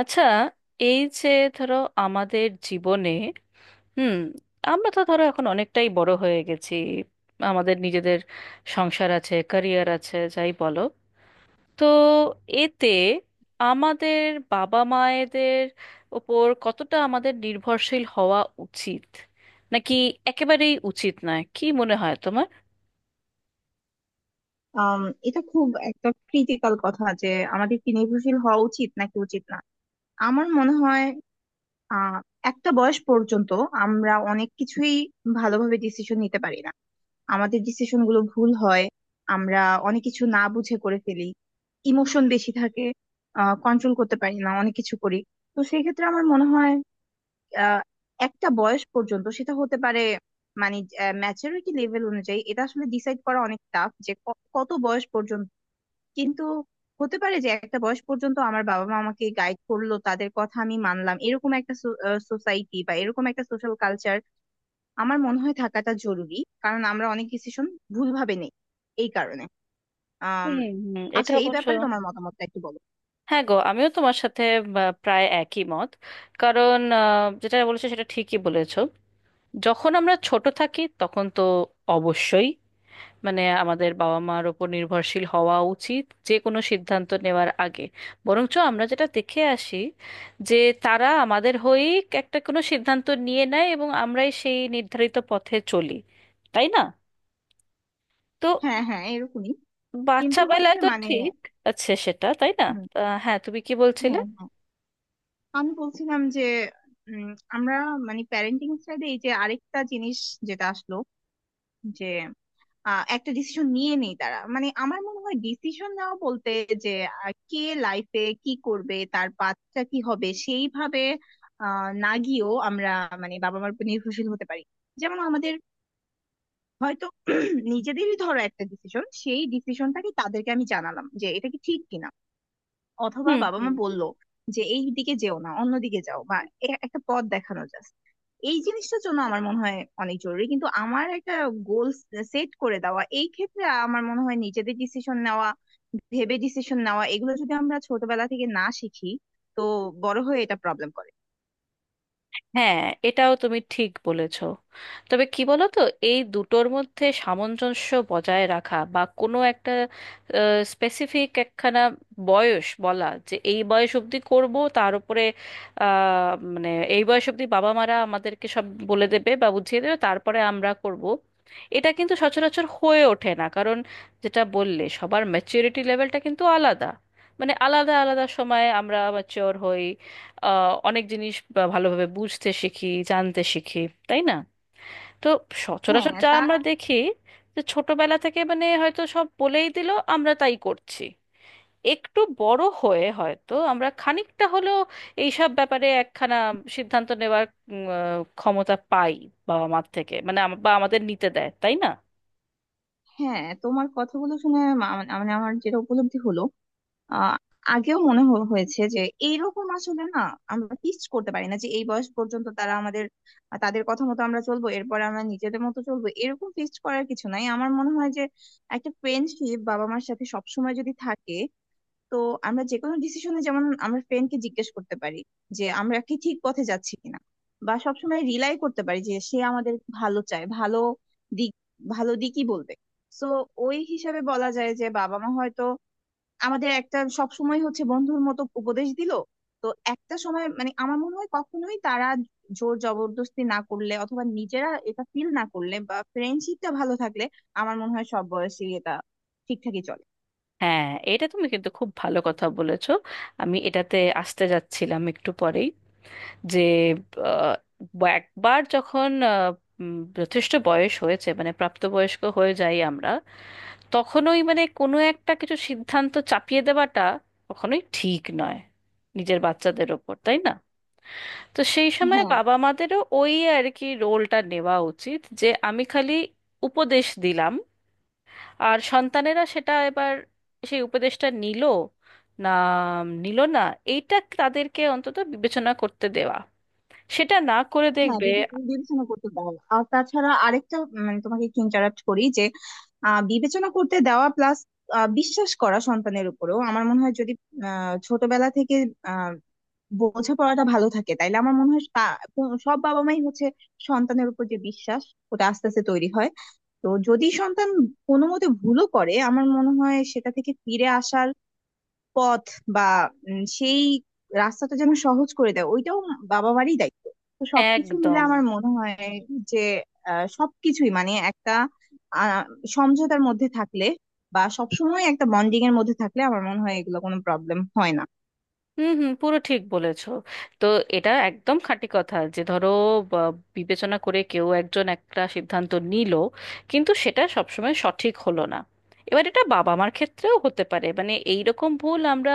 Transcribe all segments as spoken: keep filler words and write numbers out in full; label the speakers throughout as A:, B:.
A: আচ্ছা, এই যে ধরো, আমাদের জীবনে হুম আমরা তো ধরো এখন অনেকটাই বড় হয়ে গেছি। আমাদের নিজেদের সংসার আছে, ক্যারিয়ার আছে, যাই বলো। তো এতে আমাদের বাবা মায়েদের ওপর কতটা আমাদের নির্ভরশীল হওয়া উচিত, নাকি একেবারেই উচিত নয়? কি মনে হয় তোমার?
B: আম, এটা খুব একটা ক্রিটিক্যাল কথা যে আমাদের কি নির্ভরশীল হওয়া উচিত নাকি উচিত না। আমার মনে হয় আহ একটা বয়স পর্যন্ত আমরা অনেক কিছুই ভালোভাবে ডিসিশন নিতে পারি না, আমাদের ডিসিশন গুলো ভুল হয়, আমরা অনেক কিছু না বুঝে করে ফেলি, ইমোশন বেশি থাকে, কন্ট্রোল করতে পারি না, অনেক কিছু করি। তো সেই ক্ষেত্রে আমার মনে হয় আহ, একটা বয়স পর্যন্ত সেটা হতে পারে। মানে ম্যাচুরিটি লেভেল অনুযায়ী এটা আসলে ডিসাইড করা অনেক টাফ যে ক- কত বয়স পর্যন্ত। কিন্তু হতে পারে যে একটা বয়স পর্যন্ত আমার বাবা মা আমাকে গাইড করলো, তাদের কথা আমি মানলাম, এরকম একটা সোসাইটি বা এরকম একটা সোশ্যাল কালচার আমার মনে হয় থাকাটা জরুরি, কারণ আমরা অনেক ডিসিশন ভুলভাবে নেই এই কারণে আম,
A: হুম, হুম, এটা
B: আচ্ছা এই
A: অবশ্য।
B: ব্যাপারে তোমার মতামতটা একটু বলো।
A: হ্যাঁ গো, আমিও তোমার সাথে আহ, প্রায় একই মত। কারণ আহ, যেটা বলেছো সেটা ঠিকই বলেছো। যখন আমরা ছোট থাকি তখন তো অবশ্যই, মানে আমাদের বাবা মার ওপর নির্ভরশীল হওয়া উচিত যে কোনো সিদ্ধান্ত নেওয়ার আগে। বরঞ্চ আমরা যেটা দেখে আসি, যে তারা আমাদের হয়েই একটা কোনো সিদ্ধান্ত নিয়ে নেয় এবং আমরাই সেই নির্ধারিত পথে চলি, তাই না? তো
B: হ্যাঁ হ্যাঁ এরকমই।
A: বাচ্চা
B: কিন্তু হচ্ছে
A: বেলায় তো
B: মানে।
A: ঠিক আছে সেটা, তাই না?
B: হুম।
A: তা, হ্যাঁ, তুমি কি বলছিলে?
B: হ্যাঁ হ্যাঁ, আমি বলছিলাম যে উম, আমরা মানে প্যারেন্টিং সাইডে এই যে আরেকটা জিনিস যেটা আসলো, যে আহ, একটা ডিসিশন নিয়ে নেই তারা। মানে আমার মনে হয় ডিসিশন নেওয়া বলতে যে আহ, কে লাইফে কি করবে, তার বাচ্চা কি হবে, সেইভাবে আহ, না গিয়েও আমরা মানে বাবা মার উপর নির্ভরশীল হতে পারি। যেমন আমাদের হয়তো নিজেদেরই ধরো একটা ডিসিশন, সেই ডিসিশনটাকে তাদেরকে আমি জানালাম যে এটা কি ঠিক কিনা, অথবা
A: হুম।
B: বাবা মা
A: হুম।
B: বললো যে এই দিকে যেও না অন্যদিকে যাও, বা এ- একটা পথ দেখানো জাস্ট, এই জিনিসটার জন্য আমার মনে হয় অনেক জরুরি। কিন্তু আমার একটা গোল সেট করে দেওয়া এই ক্ষেত্রে আমার মনে হয় নিজেদের ডিসিশন নেওয়া, ভেবে ডিসিশন নেওয়া, এগুলো যদি আমরা ছোটবেলা থেকে না শিখি তো বড় হয়ে এটা প্রবলেম করে।
A: হ্যাঁ, এটাও তুমি ঠিক বলেছ। তবে কি বলো তো, এই দুটোর মধ্যে সামঞ্জস্য বজায় রাখা বা কোনো একটা স্পেসিফিক একখানা বয়স বলা যে এই বয়স অবধি করব, তার উপরে আহ, মানে এই বয়স অবধি বাবা মারা আমাদেরকে সব বলে দেবে বা বুঝিয়ে দেবে তারপরে আমরা করব, এটা কিন্তু সচরাচর হয়ে ওঠে না। কারণ যেটা বললে, সবার ম্যাচুরিটি লেভেলটা কিন্তু আলাদা। মানে আলাদা আলাদা সময়ে আমরা ম্যাচিওর হই, আহ, অনেক জিনিস বা ভালোভাবে বুঝতে শিখি জানতে শিখি, তাই না? তো সচরাচর
B: হ্যাঁ
A: যা
B: তা।
A: আমরা দেখি, যে ছোটবেলা থেকে মানে হয়তো সব বলেই দিল, আমরা তাই করছি। একটু বড় হয়ে হয়তো আমরা খানিকটা হলেও এইসব ব্যাপারে একখানা সিদ্ধান্ত নেওয়ার উম, আহ, ক্ষমতা পাই বাবা মার থেকে, মানে আম- বা আমাদের নিতে দেয়, তাই না?
B: হ্যাঁ তোমার কথাগুলো শুনে মা- মানে মানে আমার যেটা উপলব্ধি হলো, আহ আগেও মনে হ- হয়েছে যে এইরকম আসলে না। আমরা ফিক্স করতে পারি না যে এই বয়স পর্যন্ত তারা আমাদের, তাদের কথা মতো আমরা চলবো, এরপর আমরা নিজেদের মতো চলবো, এরকম ফিক্স করার কিছু নাই। আমার মনে হয় যে একটা ফ্রেন্ডশিপ বাবা মার সাথে সবসময় যদি থাকে তো আমরা যে কোনো ডিসিশনে যেমন আমরা ফ্রেন্ডকে জিজ্ঞেস করতে পারি যে আমরা কি ঠিক পথে যাচ্ছি কিনা, বা সবসময় রিলাই করতে পারি যে সে আমাদের ভালো চায়, ভালো দিক, ভালো দিকই বলবে। তো ওই হিসাবে বলা যায় যে বাবা মা হয়তো আমাদের একটা সবসময় হচ্ছে বন্ধুর মতো উপদেশ দিল। তো একটা সময় মানে আমার মনে হয় কখনোই তারা জোর জবরদস্তি না করলে, অথবা নিজেরা এটা ফিল না করলে, বা ফ্রেন্ডশিপটা ভালো থাকলে আমার মনে হয় সব বয়সে এটা ঠিকঠাকই চলে।
A: হ্যাঁ, এটা তুমি কিন্তু খুব ভালো কথা বলেছো। আমি এটাতে আসতে যাচ্ছিলাম একটু পরেই, যে আহ, বা- একবার যখন আহ, উম, যথেষ্ট বয়স হয়েছে, মানে প্রাপ্তবয়স্ক হয়ে যাই আমরা, তখনই মানে কোনো একটা কিছু সিদ্ধান্ত চাপিয়ে দেওয়াটা কখনোই ঠিক নয় নিজের বাচ্চাদের ওপর, তাই না? তো সেই সময়
B: হ্যাঁ
A: বাবা মাদেরও ওই আর কি রোলটা নেওয়া উচিত, যে আমি খালি উপদেশ দিলাম, আর সন্তানেরা সেটা এবার সেই উপদেশটা নিল, না নিল না, এইটা তাদেরকে অন্তত বিবেচনা করতে দেওয়া, সেটা না করে
B: হ্যাঁ
A: দেখবে।
B: বিবে- বিবেচনা করতে দাও। আর তাছাড়া আরেকটা, মানে তোমাকে একটু ইন্টারাপ্ট করি যে আহ, বিবেচনা করতে দেওয়া প্লাস বিশ্বাস করা সন্তানের উপরেও আমার মনে হয়, যদি আহ, ছোটবেলা থেকে বোঝাপড়াটা ভালো থাকে তাইলে আমার মনে হয় তা- কো- সব বাবা মাই হচ্ছে, সন্তানের উপর যে বিশ্বাস ওটা আস্তে আস্তে তৈরি হয়। তো যদি সন্তান কোনো মতে ভুলও করে আমার মনে হয় সেটা থেকে ফিরে আসার পথ বা উম, সেই রাস্তাটা যেন সহজ করে দেয়, ওইটাও বাবা মারই দায়িত্ব। তো সবকিছু মিলে
A: একদম।
B: আমার মনে হয় যে আহ, সবকিছুই মানে একটা আহ, সমঝোতার মধ্যে থাকলে, বা সবসময় একটা বন্ডিং এর মধ্যে থাকলে আমার মনে হয় এগুলো কোনো প্রবলেম হয় না।
A: হুম, হুম, পুরো ঠিক বলেছো। তো এটা একদম খাঁটি কথা, যে ধরো বা, বিবেচনা করে কেউ একজন একটা সিদ্ধান্ত নিল কিন্তু সেটা সবসময় সঠিক হলো না। এবার এটা বাবা মার ক্ষেত্রেও হতে পারে, মানে এই রকম ভুল আমরা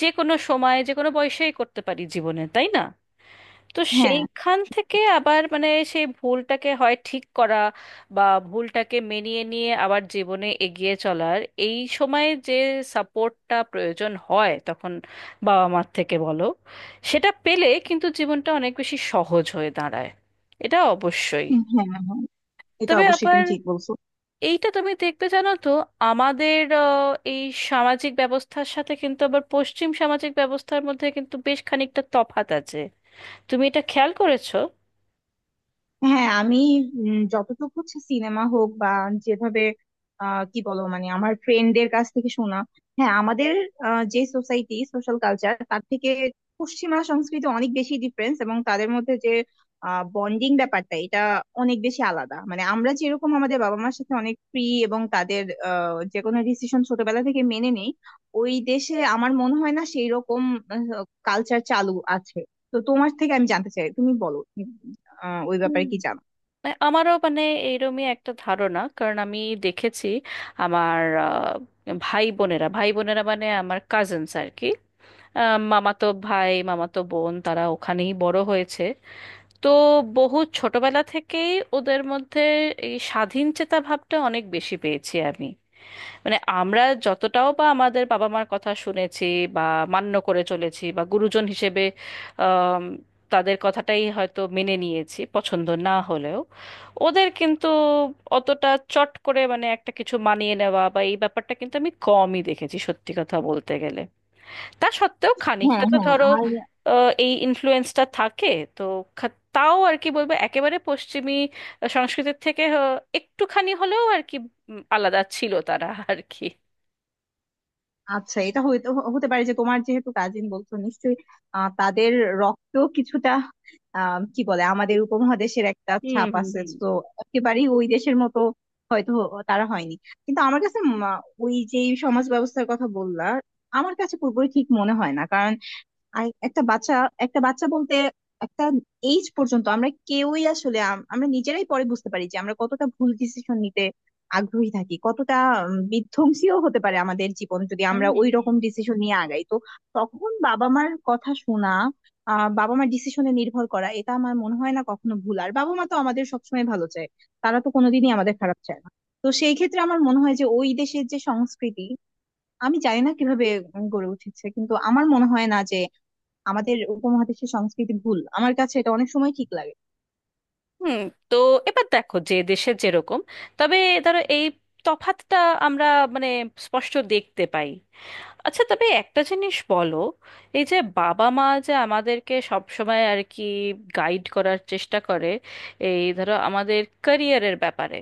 A: যে কোনো সময় যে কোনো বয়সেই করতে পারি জীবনে, তাই না? তো
B: হ্যাঁ
A: সেইখান থেকে আবার মানে সেই ভুলটাকে হয় ঠিক করা, বা ভুলটাকে মেনিয়ে নিয়ে আবার জীবনে এগিয়ে চলার এই সময় যে সাপোর্টটা প্রয়োজন হয়, তখন বাবা মার থেকে বলো, সেটা পেলে কিন্তু জীবনটা অনেক বেশি সহজ হয়ে দাঁড়ায়। এটা অবশ্যই।
B: হ্যাঁ। হ্যাঁ এটা
A: তবে
B: অবশ্যই
A: আবার
B: তুমি ঠিক বলছো।
A: এইটা তুমি দেখবে, জানো তো, আমাদের আহ, এই সামাজিক ব্যবস্থার সাথে কিন্তু আবার পশ্চিম সামাজিক ব্যবস্থার মধ্যে কিন্তু বেশ খানিকটা তফাত আছে। তুমি এটা খেয়াল করেছো?
B: হ্যাঁ আমি উম, যতটুকু হচ্ছে সিনেমা হোক বা যেভাবে, আহ, কি বলো মানে আমার ফ্রেন্ডদের কাছ থেকে শোনা, হ্যাঁ আমাদের আহ, যে সোসাইটি সোশ্যাল কালচার তার থেকে পশ্চিমা সংস্কৃতি অনেক বেশি ডিফারেন্স, এবং তাদের মধ্যে যে বন্ডিং ব্যাপারটা এটা অনেক বেশি আলাদা। মানে আমরা যেরকম আমাদের বাবা মার সাথে অনেক ফ্রি এবং তাদের আহ, যে কোনো ডিসিশন ছোটবেলা থেকে মেনে নেই, ওই দেশে আমার মনে হয় না সেই রকম কালচার চালু আছে। তো তোমার থেকে আমি জানতে চাই, তুমি বলো আহ ওই
A: হুম।
B: ব্যাপারে কি জানো।
A: মানে আমারও মানে এইরমই একটা ধারণা, কারণ আমি দেখেছি আমার আহ, ভাই বোনেরা ভাই বোনেরা মানে আমার কাজিনস আর কি, আহ, মামাতো ভাই মামাতো বোন, তারা ওখানেই বড় হয়েছে। তো বহু ছোটবেলা থেকেই ওদের মধ্যে এই স্বাধীন চেতা ভাবটা অনেক বেশি পেয়েছি আমি। মানে আমরা যতটাও বা আমাদের বাবা মার কথা শুনেছি বা মান্য করে চলেছি, বা গুরুজন হিসেবে আম, তাদের কথাটাই হয়তো মেনে নিয়েছি পছন্দ না হলেও, ওদের কিন্তু অতটা চট করে মানে একটা কিছু মানিয়ে নেওয়া বা এই ব্যাপারটা কিন্তু আমি কমই দেখেছি, সত্যি কথা বলতে গেলে। তা সত্ত্বেও খানিকটা
B: হ্যাঁ
A: তো
B: হ্যাঁ।
A: ধরো
B: আর
A: আহ, এই ইনফ্লুয়েন্সটা থাকে। তো খা- তাও আর কি বলবো, একেবারে পশ্চিমী সংস্কৃতির থেকে আহ, একটুখানি হলেও আর কি উম, আলাদা ছিল তারা আর কি।
B: আচ্ছা এটা হইতে হতে পারে যে তোমার যেহেতু কাজিন বলছো, নিশ্চয়ই আহ, তাদের রক্ত কিছুটা, আহ, কি বলে, আমাদের উপমহাদেশের একটা
A: হুম,
B: ছাপ
A: হুম,
B: আছে
A: হুম,
B: তো। একেবারেই ওই দেশের মতো হয়তো তারা হয়নি। কিন্তু আমার কাছে উম, আহ, ওই যে সমাজ ব্যবস্থার কথা বললা, আমার কাছে পুরোপুরি ঠিক মনে হয় না। কারণ আর একটা বাচ্চা, একটা বাচ্চা বলতে একটা এইজ পর্যন্ত আমরা কেউই আসলে, আম- আমরা নিজেরাই পরে বুঝতে পারি যে আমরা কতটা ভুল ডিসিশন নিতে আগ্রহী থাকি, কতটা উম, বিধ্বংসীও হতে পারে আমাদের জীবন, যদি
A: হুম,
B: আমরা ওই
A: হুম,
B: রকম ডিসিশন নিয়ে আগাই তো। তখন বাবা মার কথা শোনা, আহ বাবা মার ডিসিশনে নির্ভর করা, এটা আমার মনে হয় না কখনো ভুল। আর বাবা মা তো আমাদের সবসময় ভালো চায়, তারা তো কোনোদিনই আমাদের খারাপ চায় না। তো সেই ক্ষেত্রে আমার মনে হয় যে ওই দেশের যে সংস্কৃতি, আমি জানি না কিভাবে উম, গড়ে উঠেছে, কিন্তু আমার মনে হয় না যে আমাদের উপমহাদেশের সংস্কৃতি ভুল। আমার কাছে এটা অনেক সময় ঠিক লাগে।
A: হুম। তো এবার দেখো যে দেশে যেরকম, তবে ধরো এই তফাতটা আমরা মানে স্পষ্ট দেখতে পাই। আচ্ছা, তবে একটা জিনিস বলো, এই যে বাবা মা যে আমাদেরকে সব সময় আর কি গাইড করার চেষ্টা করে, এই ধরো আমাদের ক্যারিয়ারের ব্যাপারে,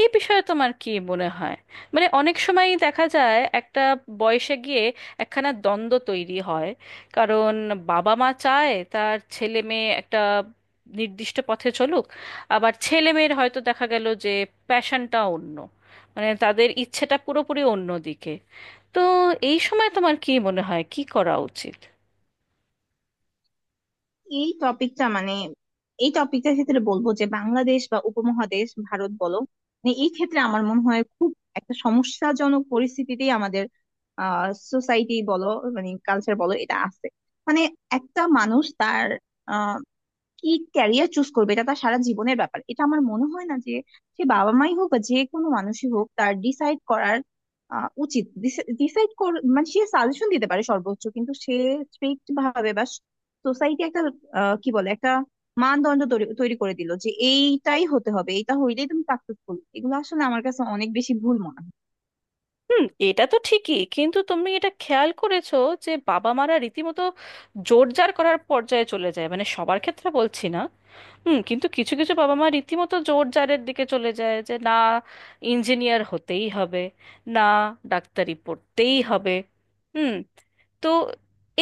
A: এই বিষয়ে তোমার কি মনে হয়? মানে অনেক সময়ই দেখা যায় একটা বয়সে গিয়ে একখানা দ্বন্দ্ব তৈরি হয়, কারণ বাবা মা চায় তার ছেলে মেয়ে একটা নির্দিষ্ট পথে চলুক, আবার ছেলে মেয়ের হয়তো দেখা গেল যে প্যাশনটা অন্য, মানে তাদের ইচ্ছেটা পুরোপুরি অন্য দিকে। তো এই সময় তোমার কি মনে হয় কি করা উচিত?
B: এই টপিকটা মানে এই টপিকটার ক্ষেত্রে বলবো যে বাংলাদেশ বা উপমহাদেশ ভারত বলো, মানে এই ক্ষেত্রে আমার মনে হয় খুব একটা সমস্যাজনক পরিস্থিতিতেই আমাদের আহ সোসাইটি বলো, মানে কালচার বলো, এটা আছে। মানে একটা মানুষ তার কি ক্যারিয়ার চুজ করবে এটা তার সারা জীবনের ব্যাপার। এটা আমার মনে হয় না যে সে বাবা মাই হোক বা যে কোনো মানুষই হোক তার ডিসাইড করার আহ, উচিত। ডিসাইড কর মানে সে সাজেশন দিতে পারে সর্বোচ্চ, কিন্তু সে স্ট্রিক্ট ভাবে বা সোসাইটি একটা আহ, কি বলে একটা মানদণ্ড তৈরি তৈরি করে দিল যে এইটাই হতে হবে, এটা হইলেই তুমি সাকসেসফুল, এগুলো আসলে আমার কাছে অনেক বেশি ভুল মনে হয়।
A: হুম, এটা তো ঠিকই, কিন্তু তুমি এটা খেয়াল করেছো যে বাবা মারা রীতিমতো জোর জার করার পর্যায়ে চলে যায়, মানে সবার ক্ষেত্রে বলছি না। হুম, কিন্তু কিছু কিছু বাবা মা রীতিমতো জোর জারের দিকে চলে যায় যে না, ইঞ্জিনিয়ার হতেই হবে, না, ডাক্তারি পড়তেই হবে। হুম। তো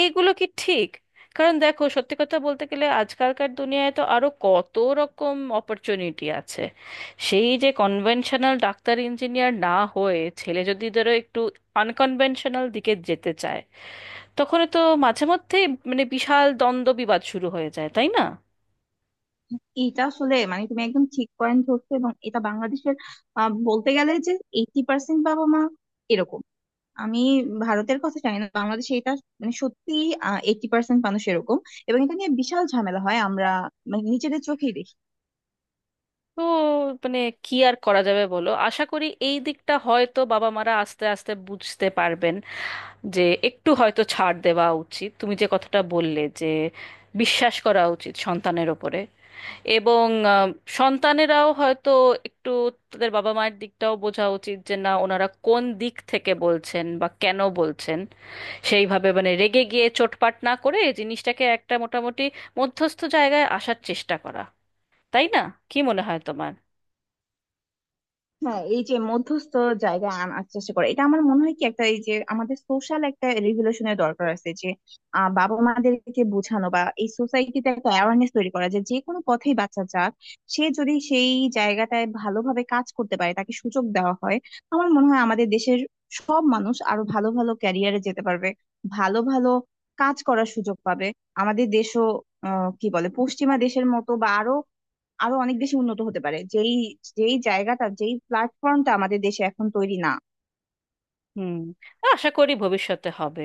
A: এইগুলো কি ঠিক? কারণ দেখো, সত্যি কথা বলতে গেলে আজকালকার দুনিয়ায় তো আরো কত রকম অপরচুনিটি আছে। সেই যে কনভেনশনাল ডাক্তার ইঞ্জিনিয়ার না হয়ে ছেলে যদি ধরো একটু আনকনভেনশনাল দিকে যেতে চায়, তখন তো মাঝে মধ্যেই মানে বিশাল দ্বন্দ্ব বিবাদ শুরু হয়ে যায়, তাই না?
B: এটা আসলে মানে তুমি একদম ঠিক পয়েন্ট ধরছো। এবং এটা বাংলাদেশের আহ, বলতে গেলে যে এইটি পার্সেন্ট বাবা মা এরকম। আমি ভারতের কথা জানি না, বাংলাদেশে এটা মানে সত্যি এইটি পার্সেন্ট মানুষ এরকম। এবং এটা নিয়ে বিশাল ঝামেলা হয়, আমরা মানে নিজেদের চোখেই দেখি।
A: তো মানে কি আর করা যাবে বলো, আশা করি এই দিকটা হয়তো বাবা মারা আস্তে আস্তে বুঝতে পারবেন, যে একটু হয়তো ছাড় দেওয়া উচিত। তুমি যে কথাটা বললে যে বিশ্বাস করা উচিত সন্তানের ওপরে, এবং আহ, সন্তানেরাও হয়তো একটু তাদের বাবা মায়ের দিকটাও বোঝা উচিত, যে না, ওনারা কোন দিক থেকে বলছেন বা কেন বলছেন, সেইভাবে মানে রেগে গিয়ে চোটপাট না করে জিনিসটাকে একটা মোটামুটি মধ্যস্থ জায়গায় আসার চেষ্টা করা, তাই না? কি মনে হয় তোমার?
B: হ্যাঁ এই যে মধ্যস্থ জায়গায় আনার চেষ্টা করে, এটা আমার মনে হয় কি, একটা এই যে আমাদের সোশ্যাল একটা রেভলিউশনের দরকার আছে যে আহ, বাবা মাদেরকে বোঝানো বা এই সোসাইটিতে একটা অ্যাওয়ারনেস তৈরি করা যে যে কোনো পথেই বাচ্চা যাক, সে যদি সেই জায়গাটায় ভালোভাবে কাজ করতে পারে, তাকে সুযোগ দেওয়া হয়, আমার মনে হয় আমাদের দেশের সব মানুষ আরো ভালো ভালো ক্যারিয়ারে যেতে পারবে, ভালো ভালো কাজ করার সুযোগ পাবে। আমাদের দেশও আহ, কি বলে পশ্চিমা দেশের মতো, বা আরো আরো অনেক বেশি উন্নত হতে পারে, যেই যেই জায়গাটা, যেই প্ল্যাটফর্মটা আমাদের দেশে এখন তৈরি না।
A: হুম। আশা করি ভবিষ্যতে হবে।